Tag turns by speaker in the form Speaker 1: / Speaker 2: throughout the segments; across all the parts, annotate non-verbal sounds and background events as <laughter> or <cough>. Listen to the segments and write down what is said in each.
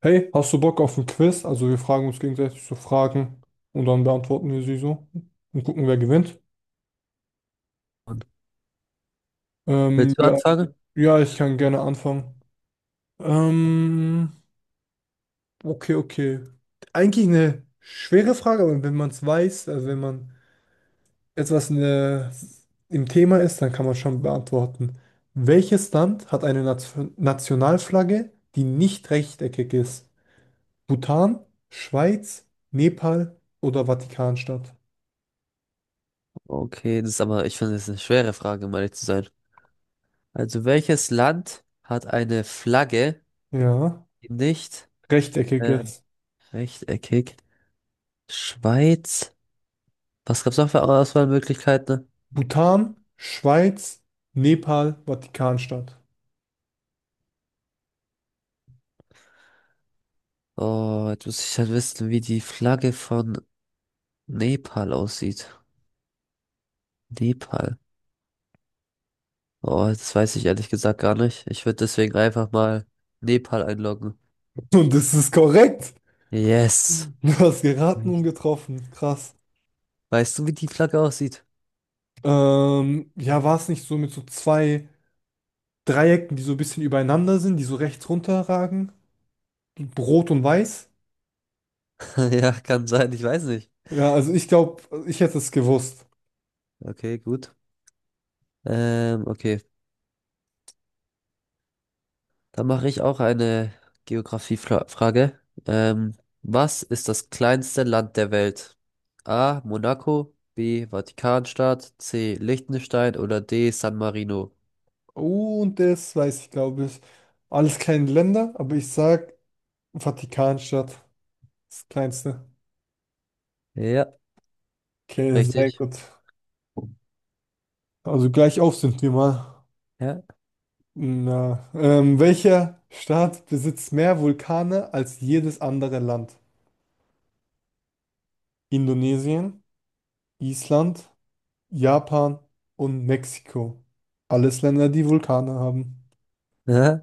Speaker 1: Hey, hast du Bock auf ein Quiz? Also wir fragen uns gegenseitig so Fragen und dann beantworten wir sie so und gucken, wer gewinnt.
Speaker 2: Und willst du
Speaker 1: Ja,
Speaker 2: anfangen?
Speaker 1: ja, ich kann gerne anfangen. Ähm, okay, okay. Eigentlich eine schwere Frage, aber wenn man es weiß, also wenn man etwas in der, im Thema ist, dann kann man schon beantworten. Welches Land hat eine Nationalflagge, die nicht rechteckig ist? Bhutan, Schweiz, Nepal oder Vatikanstadt?
Speaker 2: Okay, das ist aber, ich finde, das ist eine schwere Frage, um ehrlich zu sein. Also, welches Land hat eine Flagge,
Speaker 1: Ja.
Speaker 2: die nicht ähm,
Speaker 1: Rechteckiges.
Speaker 2: rechteckig? Schweiz? Was gab es noch für Auswahlmöglichkeiten?
Speaker 1: Bhutan, Schweiz, Nepal, Vatikanstadt.
Speaker 2: Oh, jetzt muss ich halt wissen, wie die Flagge von Nepal aussieht. Nepal. Oh, das weiß ich ehrlich gesagt gar nicht. Ich würde deswegen einfach mal Nepal einloggen.
Speaker 1: <laughs> Und das ist korrekt.
Speaker 2: Yes.
Speaker 1: Du hast geraten und
Speaker 2: Nicht.
Speaker 1: getroffen. Krass.
Speaker 2: Weißt du, wie die Flagge aussieht?
Speaker 1: Ja, war es nicht so mit so zwei Dreiecken, die so ein bisschen übereinander sind, die so rechts runterragen? Rot und weiß?
Speaker 2: <laughs> Ja, kann sein, ich weiß nicht.
Speaker 1: Ja, also ich glaube, ich hätte es gewusst.
Speaker 2: Okay, gut. Okay. Dann mache ich auch eine Geografiefrage. Ähm, Was ist das kleinste Land der Welt? A. Monaco, B. Vatikanstadt, C. Liechtenstein oder D. San Marino?
Speaker 1: Und das weiß ich, glaube ich. Alles kleine Länder, aber ich sag Vatikanstadt. Das kleinste.
Speaker 2: Ja,
Speaker 1: Okay, sehr
Speaker 2: richtig.
Speaker 1: gut. Also gleich auf sind wir mal.
Speaker 2: Ja.
Speaker 1: Na, welcher Staat besitzt mehr Vulkane als jedes andere Land? Indonesien, Island, Japan und Mexiko. Alles Länder, die Vulkane haben.
Speaker 2: <laughs> Ja.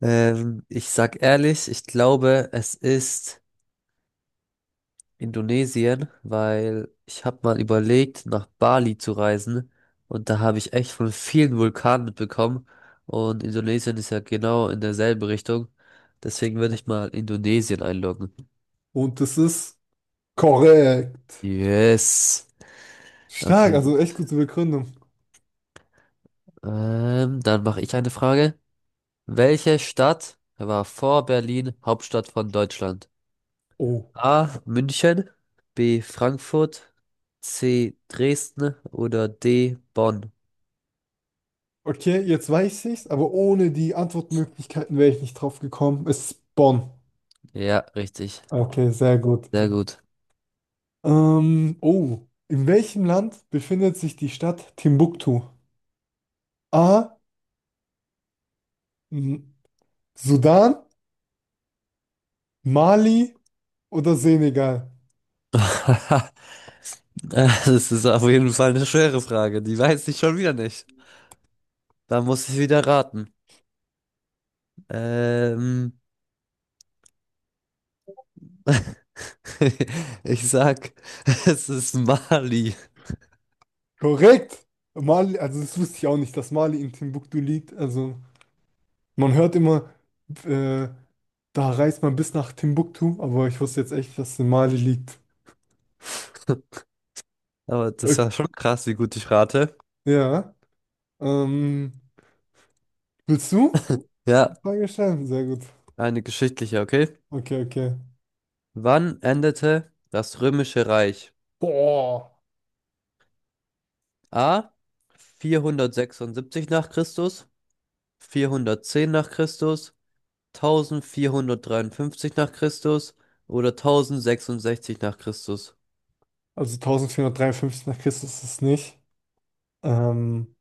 Speaker 2: Ich sag ehrlich, ich glaube, es ist Indonesien, weil ich habe mal überlegt, nach Bali zu reisen und da habe ich echt von vielen Vulkanen mitbekommen und Indonesien ist ja genau in derselben Richtung. Deswegen würde ich mal Indonesien einloggen.
Speaker 1: Und das ist korrekt.
Speaker 2: Yes.
Speaker 1: Stark,
Speaker 2: Okay.
Speaker 1: also echt gute Begründung.
Speaker 2: Dann mache ich eine Frage. Welche Stadt war vor Berlin Hauptstadt von Deutschland?
Speaker 1: Oh.
Speaker 2: A. München, B. Frankfurt, C. Dresden oder D. Bonn?
Speaker 1: Okay, jetzt weiß ich's, aber ohne die Antwortmöglichkeiten wäre ich nicht drauf gekommen. Es ist Bonn.
Speaker 2: Ja, richtig.
Speaker 1: Okay, sehr gut.
Speaker 2: Sehr gut.
Speaker 1: Oh. In welchem Land befindet sich die Stadt Timbuktu? A. Sudan, Mali oder Senegal?
Speaker 2: <laughs> Das ist auf jeden Fall eine schwere Frage. Die weiß ich schon wieder nicht. Da muss ich wieder raten. Ähm, <laughs> Ich sag, <laughs> es ist Mali.
Speaker 1: Korrekt. Mali, also das wusste ich auch nicht, dass Mali in Timbuktu liegt. Also man hört immer, äh, da reist man bis nach Timbuktu, aber ich wusste jetzt echt, dass es in Mali liegt.
Speaker 2: Aber das
Speaker 1: Okay.
Speaker 2: war schon krass, wie gut ich rate.
Speaker 1: Ja. Ähm, willst du
Speaker 2: Ja,
Speaker 1: eine Frage stellen? Sehr gut.
Speaker 2: eine geschichtliche, okay?
Speaker 1: Okay, okay.
Speaker 2: Wann endete das Römische Reich?
Speaker 1: Boah.
Speaker 2: A. 476 nach Christus, 410 nach Christus, 1453 nach Christus oder 1066 nach Christus?
Speaker 1: Also 1453 nach Christus ist es nicht. Ähm,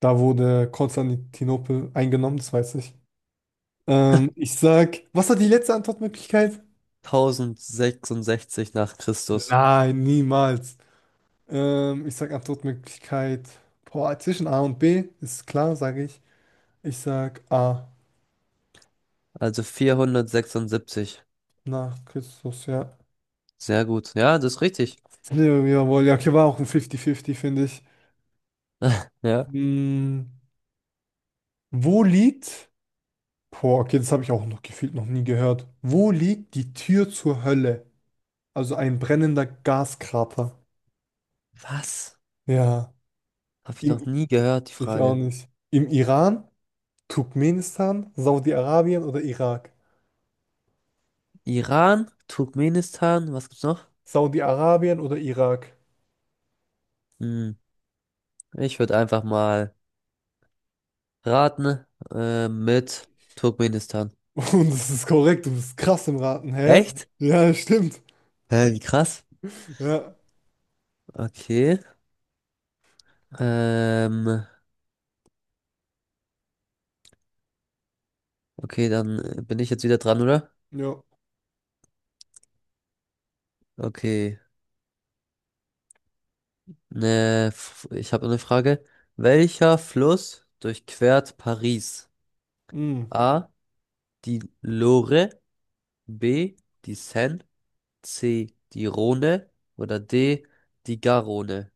Speaker 1: da wurde Konstantinopel eingenommen, das weiß ich. Ich sag, was war die letzte Antwortmöglichkeit?
Speaker 2: 1066 nach Christus.
Speaker 1: Nein, niemals. Ich sag Antwortmöglichkeit, boah, zwischen A und B, ist klar, sage ich. Ich sag A
Speaker 2: Also 476.
Speaker 1: nach Christus, ja.
Speaker 2: Sehr gut. Ja, das ist richtig.
Speaker 1: Nee, jawohl, ja, okay, war auch ein 50-50, finde ich.
Speaker 2: Ja.
Speaker 1: Hm, wo liegt, boah, okay, das habe ich auch noch gefühlt noch nie gehört. Wo liegt die Tür zur Hölle? Also ein brennender Gaskrater.
Speaker 2: Was?
Speaker 1: Ja,
Speaker 2: Habe ich noch
Speaker 1: im,
Speaker 2: nie gehört, die
Speaker 1: ich auch
Speaker 2: Frage.
Speaker 1: nicht. Im Iran? Turkmenistan, Saudi-Arabien oder Irak?
Speaker 2: Iran, Turkmenistan, was gibt's noch?
Speaker 1: Saudi-Arabien oder Irak?
Speaker 2: Hm, ich würde einfach mal raten, mit Turkmenistan.
Speaker 1: <laughs> Und das ist korrekt, du bist krass im Raten, hä?
Speaker 2: Echt?
Speaker 1: Ja, stimmt.
Speaker 2: Hä, wie krass.
Speaker 1: Ja,
Speaker 2: Okay. Ähm, okay, dann bin ich jetzt wieder dran, oder?
Speaker 1: ja.
Speaker 2: Okay. Ne, ich habe eine Frage. Welcher Fluss durchquert Paris?
Speaker 1: Hm.
Speaker 2: A. Die Loire, B. die Seine, C. die Rhone oder D. die Garonne?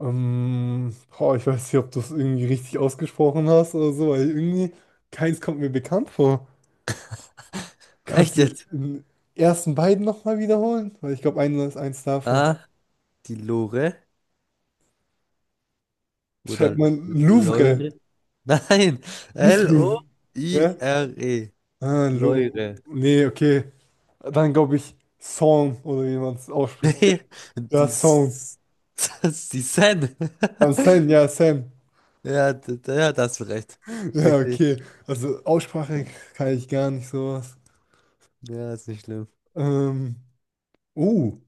Speaker 1: Boah, ich weiß nicht, ob du es irgendwie richtig ausgesprochen hast oder so, weil irgendwie keins kommt mir bekannt vor.
Speaker 2: <laughs>
Speaker 1: Kannst
Speaker 2: Echt
Speaker 1: du
Speaker 2: jetzt?
Speaker 1: den ersten beiden nochmal wiederholen? Weil ich glaube, einer ist eins davon.
Speaker 2: A. die Loire
Speaker 1: Schreibt
Speaker 2: oder
Speaker 1: man Louvre,
Speaker 2: Loire? <laughs> Nein,
Speaker 1: nicht Louvre. Ja?
Speaker 2: Loire.
Speaker 1: Ah, Lou-
Speaker 2: Loire. <laughs>
Speaker 1: Nee, okay. Dann glaube ich Song oder wie man es ausspricht.
Speaker 2: Nee,
Speaker 1: Ja,
Speaker 2: die,
Speaker 1: Song.
Speaker 2: S- <laughs> das ist die Seine.
Speaker 1: Dann
Speaker 2: <laughs>
Speaker 1: Sam.
Speaker 2: Ja, ja, das hast du recht.
Speaker 1: Ja,
Speaker 2: Richtig.
Speaker 1: okay. Also Aussprache kann ich gar nicht sowas.
Speaker 2: Ja, ist nicht schlimm.
Speaker 1: Ähm, oh,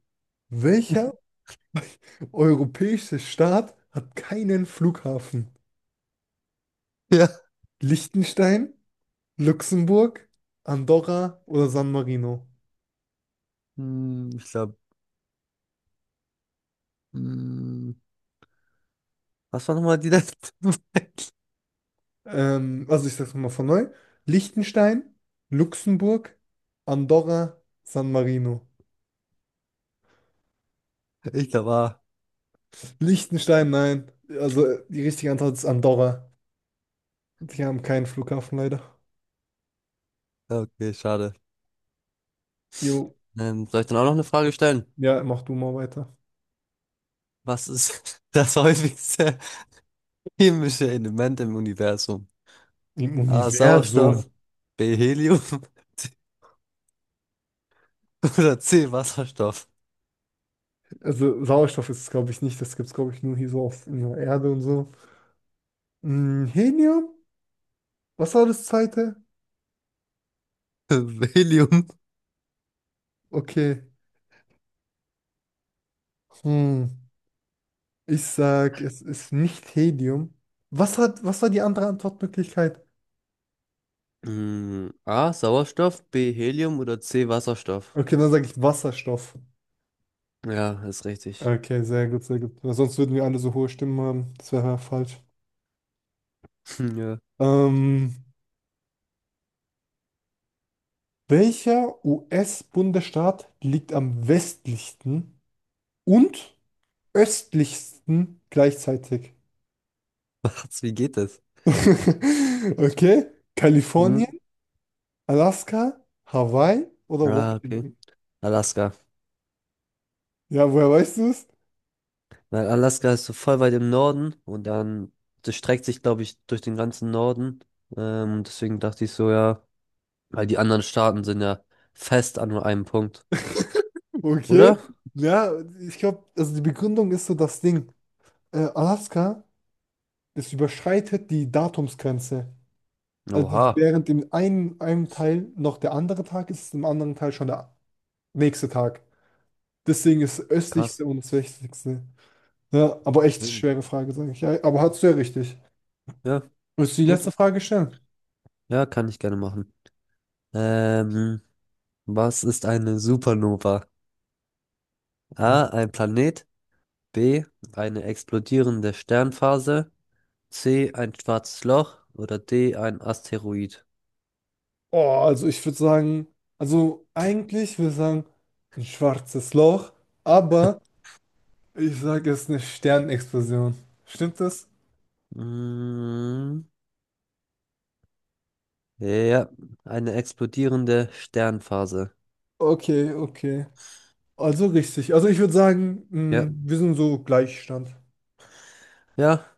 Speaker 1: welcher europäische Staat hat keinen Flughafen?
Speaker 2: Ja.
Speaker 1: Liechtenstein, Luxemburg, Andorra oder San Marino?
Speaker 2: Hm, ich glaube, hm, was war nochmal die <laughs> letzte Frage?
Speaker 1: Also ich sag's nochmal von neu. Liechtenstein, Luxemburg, Andorra, San Marino.
Speaker 2: Ich glaube, ah,
Speaker 1: Liechtenstein, nein. Also die richtige Antwort ist Andorra. Wir haben keinen Flughafen leider.
Speaker 2: ja, okay, schade.
Speaker 1: Jo.
Speaker 2: Soll ich dann auch noch eine Frage stellen?
Speaker 1: Ja, mach du mal weiter.
Speaker 2: Was ist <laughs> das häufigste chemische Element im Universum?
Speaker 1: Im
Speaker 2: A. Sauerstoff,
Speaker 1: Universum.
Speaker 2: B. Helium <laughs> oder C. Wasserstoff?
Speaker 1: Ja. Also Sauerstoff ist es, glaube ich, nicht. Das gibt es, glaube ich, nur hier so auf in der Erde und so. Hm, Helium? Was war das zweite?
Speaker 2: <laughs> Helium.
Speaker 1: Okay. Hm. Ich sag, es ist nicht Helium. Was hat, was war die andere Antwortmöglichkeit?
Speaker 2: Hm, A. Sauerstoff, B. Helium oder C. Wasserstoff?
Speaker 1: Okay, dann sage ich Wasserstoff.
Speaker 2: Ja, ist richtig.
Speaker 1: Okay, sehr gut, sehr gut. Weil sonst würden wir alle so hohe Stimmen haben. Das wäre ja falsch.
Speaker 2: <laughs> Ja.
Speaker 1: Ähm, welcher US-Bundesstaat liegt am westlichsten und östlichsten gleichzeitig?
Speaker 2: Was, wie geht das?
Speaker 1: <laughs> Okay,
Speaker 2: Hm?
Speaker 1: Kalifornien, Alaska, Hawaii oder
Speaker 2: Ah, okay.
Speaker 1: Washington?
Speaker 2: Alaska.
Speaker 1: Ja, woher weißt du es?
Speaker 2: Weil Alaska ist so voll weit im Norden und dann das streckt sich, glaube ich, durch den ganzen Norden. Deswegen dachte ich so, ja, weil die anderen Staaten sind ja fest an nur einem Punkt.
Speaker 1: Okay,
Speaker 2: Oder?
Speaker 1: ja, ich glaube, also die Begründung ist so das Ding. Alaska, das überschreitet die Datumsgrenze. Also
Speaker 2: Oha,
Speaker 1: während im einen, einem Teil noch der andere Tag ist, ist im anderen Teil schon der nächste Tag. Deswegen ist
Speaker 2: krass.
Speaker 1: östlichste und das westlichste. Ja, aber echt
Speaker 2: Will-
Speaker 1: schwere Frage, sage ich. Ja, aber hast du ja richtig.
Speaker 2: Ja,
Speaker 1: Willst du die
Speaker 2: gut.
Speaker 1: letzte Frage stellen?
Speaker 2: Ja, kann ich gerne machen. Ähm, Was ist eine Supernova?
Speaker 1: Hm.
Speaker 2: A, ein Planet. B, eine explodierende Sternphase. C, ein schwarzes Loch. Oder D, ein Asteroid.
Speaker 1: Oh, also ich würde sagen, also eigentlich würde ich sagen, ein schwarzes Loch, aber ich sage, es ist eine Sternexplosion. Stimmt das?
Speaker 2: Mm, ja, ja, ja, eine explodierende Sternphase.
Speaker 1: Okay, okay. Also richtig. Also ich würde sagen,
Speaker 2: Ja,
Speaker 1: mh, wir sind so Gleichstand.
Speaker 2: ja,